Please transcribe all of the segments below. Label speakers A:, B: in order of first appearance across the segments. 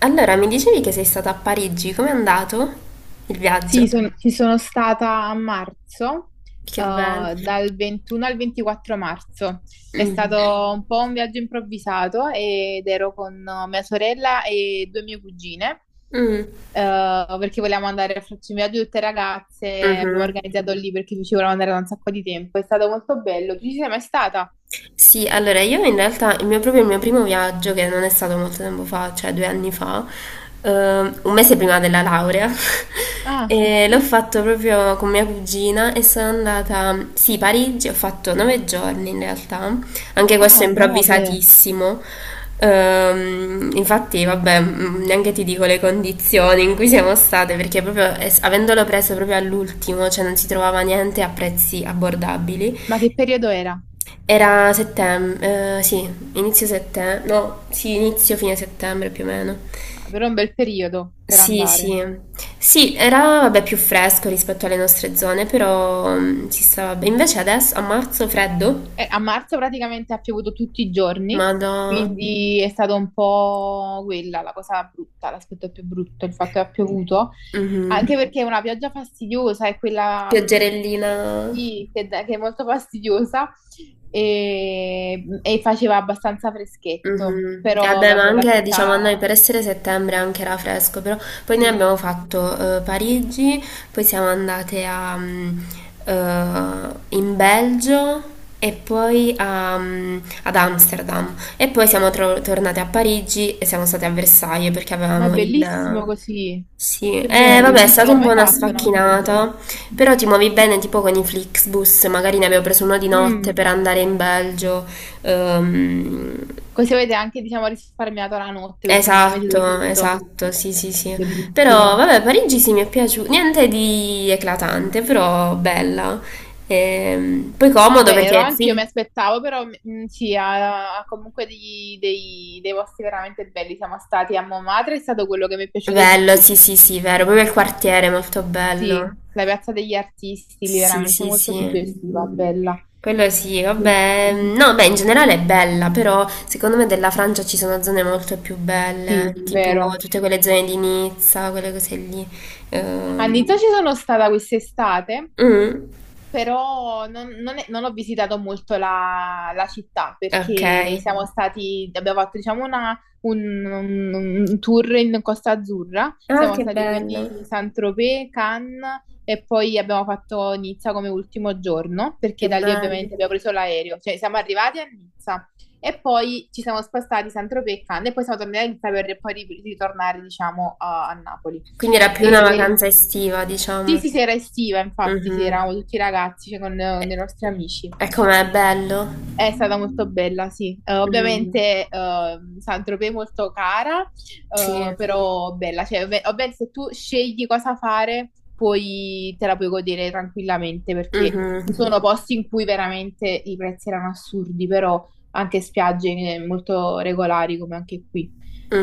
A: Allora, mi dicevi che sei stata a Parigi, com'è andato il viaggio?
B: Sì, ci sono stata a marzo,
A: Che
B: eh,
A: bello.
B: dal 21 al 24 marzo. È
A: Mm.
B: stato un po' un viaggio improvvisato ed ero con mia sorella e due mie cugine,
A: Mm.
B: perché volevamo andare a farci un viaggio tutte ragazze, abbiamo
A: Mhm.
B: organizzato lì perché ci volevamo andare da un sacco di tempo. È stato molto bello. Tu ci sei mai stata?
A: Sì, allora io in realtà il mio, proprio il mio primo viaggio, che non è stato molto tempo fa, cioè 2 anni fa, eh, un mese prima della laurea,
B: Ah,
A: e l'ho fatto proprio con mia cugina e sono andata, sì, a Parigi, ho fatto 9 giorni in realtà, anche questo è
B: ah, no, beh.
A: improvvisatissimo. Infatti, vabbè, neanche ti dico le condizioni in cui siamo state, perché proprio avendolo preso proprio all'ultimo, cioè non si trovava niente a prezzi abbordabili.
B: Ma che periodo era?
A: Era settembre, sì, inizio settembre, no, sì, inizio fine settembre più o meno.
B: Ah, però è un bel periodo per
A: Sì,
B: andare.
A: sì. Sì, era vabbè più fresco rispetto alle nostre zone, però si stava bene. Invece adesso a marzo freddo,
B: A marzo praticamente ha piovuto tutti i giorni.
A: ma da
B: Mm. Quindi è stata un po' quella la cosa brutta, l'aspetto più brutto, il fatto che ha piovuto, anche perché è una pioggia fastidiosa, è quella
A: pioggerellina.
B: sì, che che è molto fastidiosa e, faceva abbastanza freschetto,
A: Mhm. E
B: però
A: vabbè, ma
B: vabbè la
A: anche diciamo a noi
B: città
A: per essere settembre anche era fresco, però poi noi
B: sì.
A: abbiamo fatto Parigi, poi siamo andate in Belgio e poi ad Amsterdam e poi siamo tornate a Parigi e siamo state a Versailles perché
B: Ma è
A: avevamo
B: bellissimo
A: il...
B: così,
A: Sì,
B: che
A: vabbè, è
B: bello, non
A: stata
B: l'ho
A: un po'
B: mai
A: una
B: fatto una cosa del genere.
A: sfacchinata, però ti muovi bene tipo con i Flixbus, magari ne abbiamo preso uno di notte
B: Mm.
A: per andare in Belgio. Ehm,
B: Così avete anche, diciamo, risparmiato la notte perché non avete
A: Esatto,
B: dormito.
A: esatto, sì, sì, sì. Però,
B: Bellissimo.
A: vabbè, Parigi sì, mi è piaciuta. Niente di eclatante, però bella. Poi comodo
B: Vero,
A: perché...
B: anche io mi
A: Sì.
B: aspettavo, però sì, ha comunque dei, dei posti veramente belli. Siamo stati a Montmartre, è stato quello che mi è piaciuto di
A: Bello,
B: più.
A: sì, sì, sì, vero. Proprio il quartiere è molto
B: Sì,
A: bello.
B: la piazza degli artisti, lì
A: Sì,
B: veramente
A: sì,
B: molto
A: sì.
B: suggestiva, bella.
A: Quello sì, vabbè. No, beh, in generale è bella, però secondo me della Francia ci sono zone molto più
B: Sì,
A: belle, tipo
B: vero.
A: tutte quelle zone di Nizza, quelle cose lì.
B: A
A: Ehm,
B: Nizza ci sono stata quest'estate
A: mm,
B: però non ho visitato molto la, la città
A: ok.
B: perché siamo stati, abbiamo fatto diciamo un tour in Costa Azzurra,
A: Ah,
B: siamo
A: che
B: stati
A: bello.
B: quindi Saint-Tropez, Cannes e poi abbiamo fatto Nizza come ultimo giorno perché
A: Che
B: da lì
A: bello.
B: ovviamente abbiamo preso l'aereo, cioè siamo arrivati a Nizza e poi ci siamo spostati Saint-Tropez e Cannes e poi siamo tornati a Nizza per poi ritornare diciamo a Napoli.
A: Quindi era più una
B: E
A: vacanza estiva,
B: sì,
A: diciamo.
B: sì, sera estiva, infatti, sì,
A: Mhm.
B: eravamo tutti ragazzi, cioè,
A: E,
B: con i nostri amici.
A: e com'è bello?
B: È stata molto bella, sì.
A: Mm,
B: Ovviamente Saint-Tropez è molto cara,
A: sì.
B: però bella. Cioè, ovviamente se tu scegli cosa fare, poi te la puoi godere tranquillamente, perché
A: Mhm,
B: ci sono posti in cui veramente i prezzi erano assurdi, però anche spiagge molto regolari, come anche qui,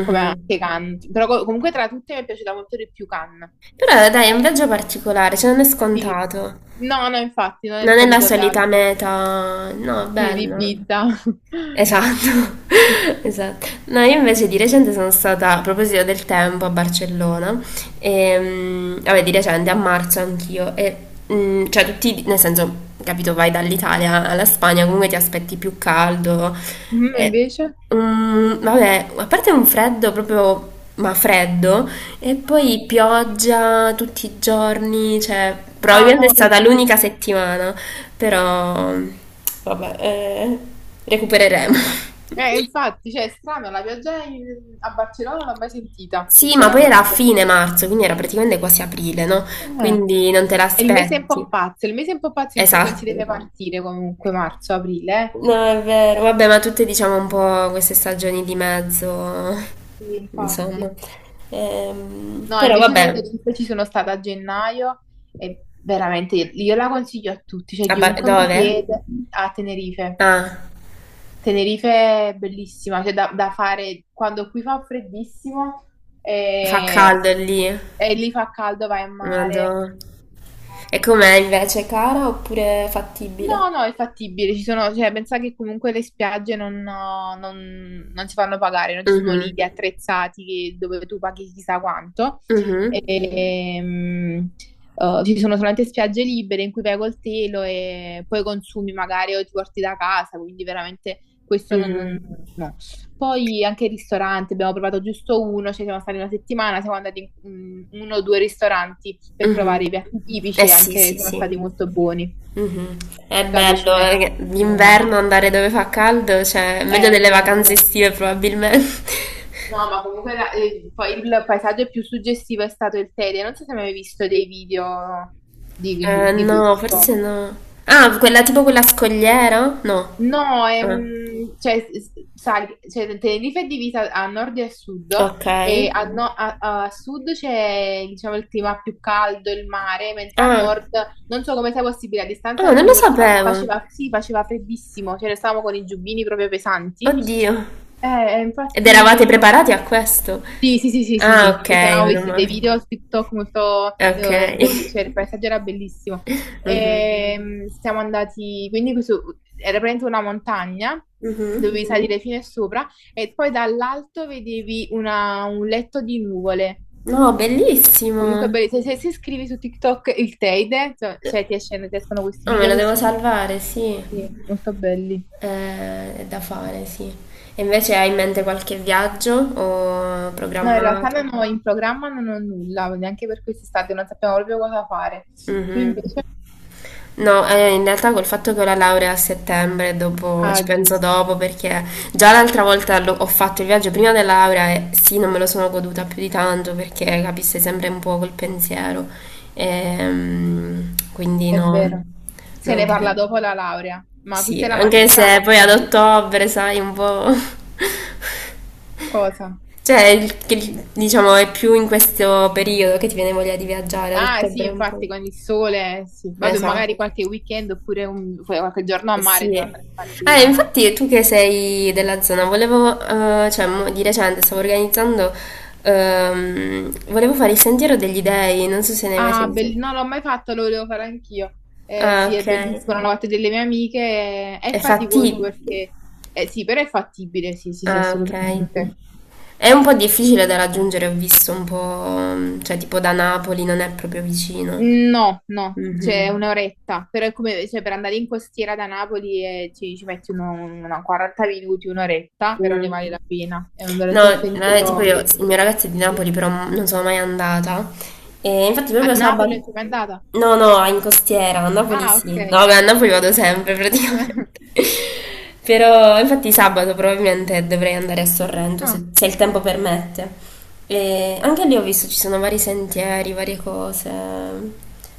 B: come anche Cannes. Però comunque tra tutte mi è piaciuta molto di più Cannes.
A: Però dai, è un viaggio particolare, cioè non è
B: Sì.
A: scontato.
B: No, no, infatti, non è il
A: Non è la
B: solito
A: solita
B: viaggio.
A: meta. No, è
B: Sì, di
A: bello.
B: Ibiza.
A: Esatto, esatto. No, io invece di recente sono stata, a proposito del tempo, a Barcellona, e, vabbè, di recente, a marzo anch'io, e, cioè tutti, nel senso, capito, vai dall'Italia alla Spagna, comunque ti aspetti più caldo,
B: Mm,
A: e,
B: invece?
A: vabbè, a parte un freddo proprio, ma freddo, e poi pioggia tutti i giorni, cioè
B: Ah,
A: probabilmente è
B: no, che
A: stata l'unica
B: brutto.
A: settimana, però vabbè, recupereremo.
B: Infatti, cioè, è strano, la pioggia a Barcellona non l'ho mai sentita,
A: Sì, ma poi era a
B: sinceramente.
A: fine marzo, quindi era praticamente quasi aprile, no?
B: Eh,
A: Quindi non te
B: È il mese un po'
A: l'aspetti.
B: pazzo, è il mese un po' pazzo in cui non si
A: Esatto.
B: deve partire comunque, marzo, aprile,
A: No, è vero. Vabbè, ma tutte diciamo un po' queste stagioni di mezzo,
B: eh. Sì,
A: insomma.
B: infatti. No,
A: Però
B: invece
A: vabbè,
B: Tenerife ci sono stata a gennaio e veramente io la consiglio a tutti, cioè chiunque mi
A: dove?
B: chiede a Tenerife.
A: Ah,
B: Tenerife è bellissima, cioè da fare quando qui fa freddissimo e,
A: fa caldo lì.
B: lì fa caldo, vai in mare.
A: Madonna. E com'è invece, cara oppure fattibile?
B: No, no, è fattibile, ci sono, cioè, pensa che comunque le spiagge non si fanno pagare, non ci sono
A: Mhm,
B: lidi attrezzati dove tu paghi chissà quanto.
A: mhm,
B: Ehm, ci sono solamente spiagge libere in cui vai col telo e poi consumi magari o ti porti da casa, quindi veramente questo
A: mhm,
B: no, poi anche il ristorante, abbiamo provato giusto uno, ci siamo stati una settimana, siamo andati in uno o due ristoranti per provare
A: mhm.
B: i piatti
A: Eh
B: tipici e
A: sì,
B: anche
A: sì,
B: sono
A: sì.
B: stati molto buoni.
A: Mhm. È
B: La
A: bello,
B: cucina è buona,
A: d'inverno andare dove fa caldo, cioè, è meglio
B: è
A: delle vacanze
B: bello.
A: estive probabilmente.
B: No, ma comunque poi il paesaggio più suggestivo è stato il Teide. Non so se hai mai visto dei video di
A: No, forse
B: questo.
A: no. Ah, quella tipo quella scogliera? No.
B: No, è
A: Ah,
B: un, cioè, sai, cioè, Tenerife è divisa a nord e a sud
A: ok.
B: e a sud c'è, diciamo, il clima più caldo, il mare, mentre a
A: Ah,
B: nord, non so come sia possibile, a distanza
A: ah,
B: di
A: non lo
B: un'ora
A: sapevo.
B: faceva, sì, faceva freddissimo, cioè, ne stavamo con i giubbini proprio pesanti.
A: Oddio. Ed eravate
B: Infatti,
A: preparati a questo?
B: sì, sì, sì, sì, sì,
A: Ah,
B: sì,
A: ok,
B: perché avevo
A: meno
B: visto dei
A: male.
B: video su TikTok molto, io,
A: Okay.
B: cioè il paesaggio era bellissimo.
A: Mh-mh.
B: E, siamo andati, quindi questo, era praticamente una montagna,
A: Mh-mh.
B: dovevi salire fino a sopra e poi dall'alto vedevi un letto di nuvole.
A: No,
B: Comunque,
A: bellissimo.
B: se scrivi su TikTok il Teide, cioè, ti escono questi
A: Oh, me
B: video
A: lo
B: che
A: devo
B: sono
A: salvare, sì.
B: sì, molto belli.
A: È da fare, sì. E invece hai in mente qualche viaggio o
B: No, in realtà
A: programmato?
B: non ho in programma non ho nulla, neanche per quest'estate, non sappiamo proprio cosa fare. Tu
A: Mh-mh.
B: invece?
A: No, in realtà col fatto che ho la laurea a settembre, dopo,
B: Ah,
A: ci penso
B: giusto,
A: dopo perché già l'altra volta ho fatto il viaggio prima della laurea e sì, non me lo sono goduta più di tanto perché capisse sempre un po' col pensiero. Quindi
B: è
A: no,
B: vero. Se
A: non
B: ne parla
A: credo.
B: dopo la laurea, ma
A: Sì,
B: questa è la
A: anche se
B: magistrale,
A: poi ad
B: quindi.
A: ottobre, sai, un po'...
B: Cosa?
A: Cioè, diciamo, è più in questo periodo che ti viene voglia di viaggiare, ad
B: Ah, sì,
A: ottobre un
B: infatti,
A: po'.
B: con il sole, sì. Vabbè,
A: Esatto.
B: magari qualche weekend oppure qualche giorno a
A: Sì,
B: mare te lo andrai a fare sicuramente.
A: infatti tu che sei della zona, volevo, cioè di recente stavo organizzando, volevo fare il Sentiero degli Dei, non so se ne hai mai
B: Ah,
A: sentito.
B: non l'ho mai fatto, lo volevo fare anch'io.
A: Ah,
B: Sì,
A: ok.
B: è bellissimo, l'hanno fatto delle mie amiche, è
A: È
B: faticoso
A: fatti?
B: perché... sì, però è fattibile, sì, sì, sì,
A: Ah, ok.
B: assolutamente.
A: È un po' difficile da raggiungere, ho visto un po', cioè tipo da Napoli non è proprio vicino.
B: No, no, cioè
A: Mhm.
B: un'oretta, però è come cioè, per andare in costiera da Napoli ci metti uno, una 40 minuti, un'oretta, però ne
A: Mm.
B: vale la pena. È un veramente
A: No,
B: un
A: tipo io,
B: pensiero.
A: il mio ragazzo è di Napoli, però non sono mai andata. E infatti
B: A
A: proprio
B: Napoli
A: sabato...
B: è mai andata?
A: No, no, in costiera, a Napoli
B: Ah,
A: sì.
B: ok.
A: No, beh, a Napoli vado sempre praticamente. Però infatti sabato probabilmente dovrei andare a Sorrento,
B: Ah,
A: se, se il tempo permette. E anche lì ho visto ci sono vari sentieri, varie cose.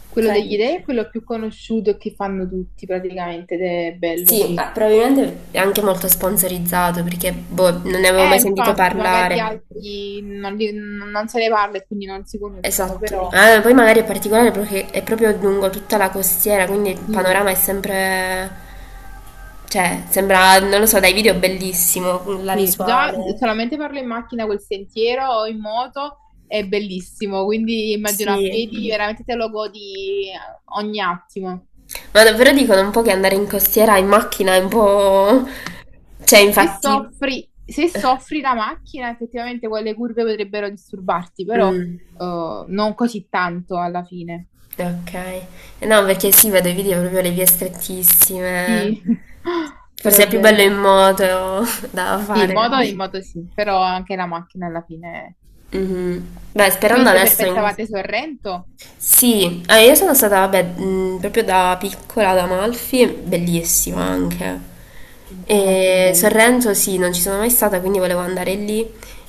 B: quello degli
A: Carino.
B: dei è quello più conosciuto che fanno tutti praticamente, ed è bello,
A: Sì,
B: sì.
A: probabilmente è anche molto sponsorizzato perché boh, non ne avevo mai sentito
B: Infatti, magari gli
A: parlare.
B: altri non, non se ne parla e quindi non si conoscono,
A: Esatto,
B: però
A: Poi magari è particolare perché è proprio lungo tutta la costiera, quindi il
B: sì,
A: panorama è sempre, cioè, sembra, non lo so, dai video è bellissimo, la
B: sì, già
A: visuale,
B: solamente farlo in macchina quel sentiero o in moto è bellissimo, quindi immagino a
A: sì,
B: piedi veramente te lo godi ogni attimo.
A: ma davvero dicono un po' che andare in costiera in macchina è un po', cioè,
B: Se
A: infatti,
B: soffri, se soffri la macchina, effettivamente quelle curve potrebbero disturbarti, però
A: Mm,
B: non così tanto alla fine.
A: ok, no, perché sì, vedo i video proprio le vie strettissime,
B: Sì, però
A: forse
B: è
A: è più bello in
B: bello.
A: moto da
B: Sì,
A: fare.
B: in moto sì, però anche la macchina alla fine.
A: Mhm. Beh, sperando
B: Quindi se
A: adesso in...
B: pensavate Sorrento,
A: Sì, io sono stata, vabbè, proprio da piccola ad Amalfi, bellissima anche.
B: sì, la più
A: E
B: bella.
A: Sorrento sì, non ci sono mai stata, quindi volevo andare lì.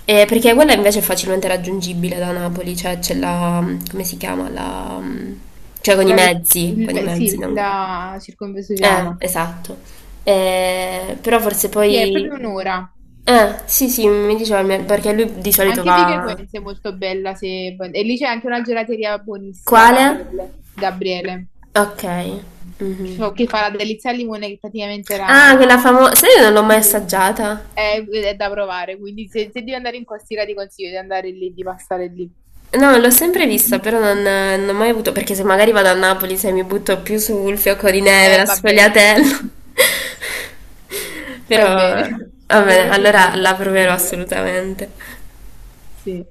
A: Perché quella invece è facilmente raggiungibile da Napoli, cioè c'è come si chiama? Cioè con i
B: La, ve-
A: mezzi,
B: il sì,
A: non...
B: la circumvesuviana.
A: Esatto. Però forse
B: Sì, è proprio
A: poi...
B: un'ora.
A: Sì, sì, mi diceva, perché lui di solito
B: Anche Vico
A: va...
B: Equense è molto bella. Se... e lì c'è anche una gelateria buonissima,
A: Quale?
B: Gabriele. Gabriele.
A: Ok. Mhm.
B: Che fa la delizia al limone che praticamente
A: Ah,
B: era...
A: quella famosa. Sai, io non l'ho
B: Sì.
A: mai assaggiata.
B: È da provare, quindi se, se devi andare in Costiera ti consiglio di andare lì, di passare lì.
A: No, l'ho sempre vista, però non ho mai avuto. Perché se magari vado a Napoli, se mi butto più sul fiocco di neve, la
B: Vabbè, sì.
A: sfogliatella. Però,
B: Fai bene. È
A: va
B: il mio
A: bene,
B: preferito
A: allora
B: il
A: la
B: tappo di
A: proverò
B: neve.
A: assolutamente.
B: Sì.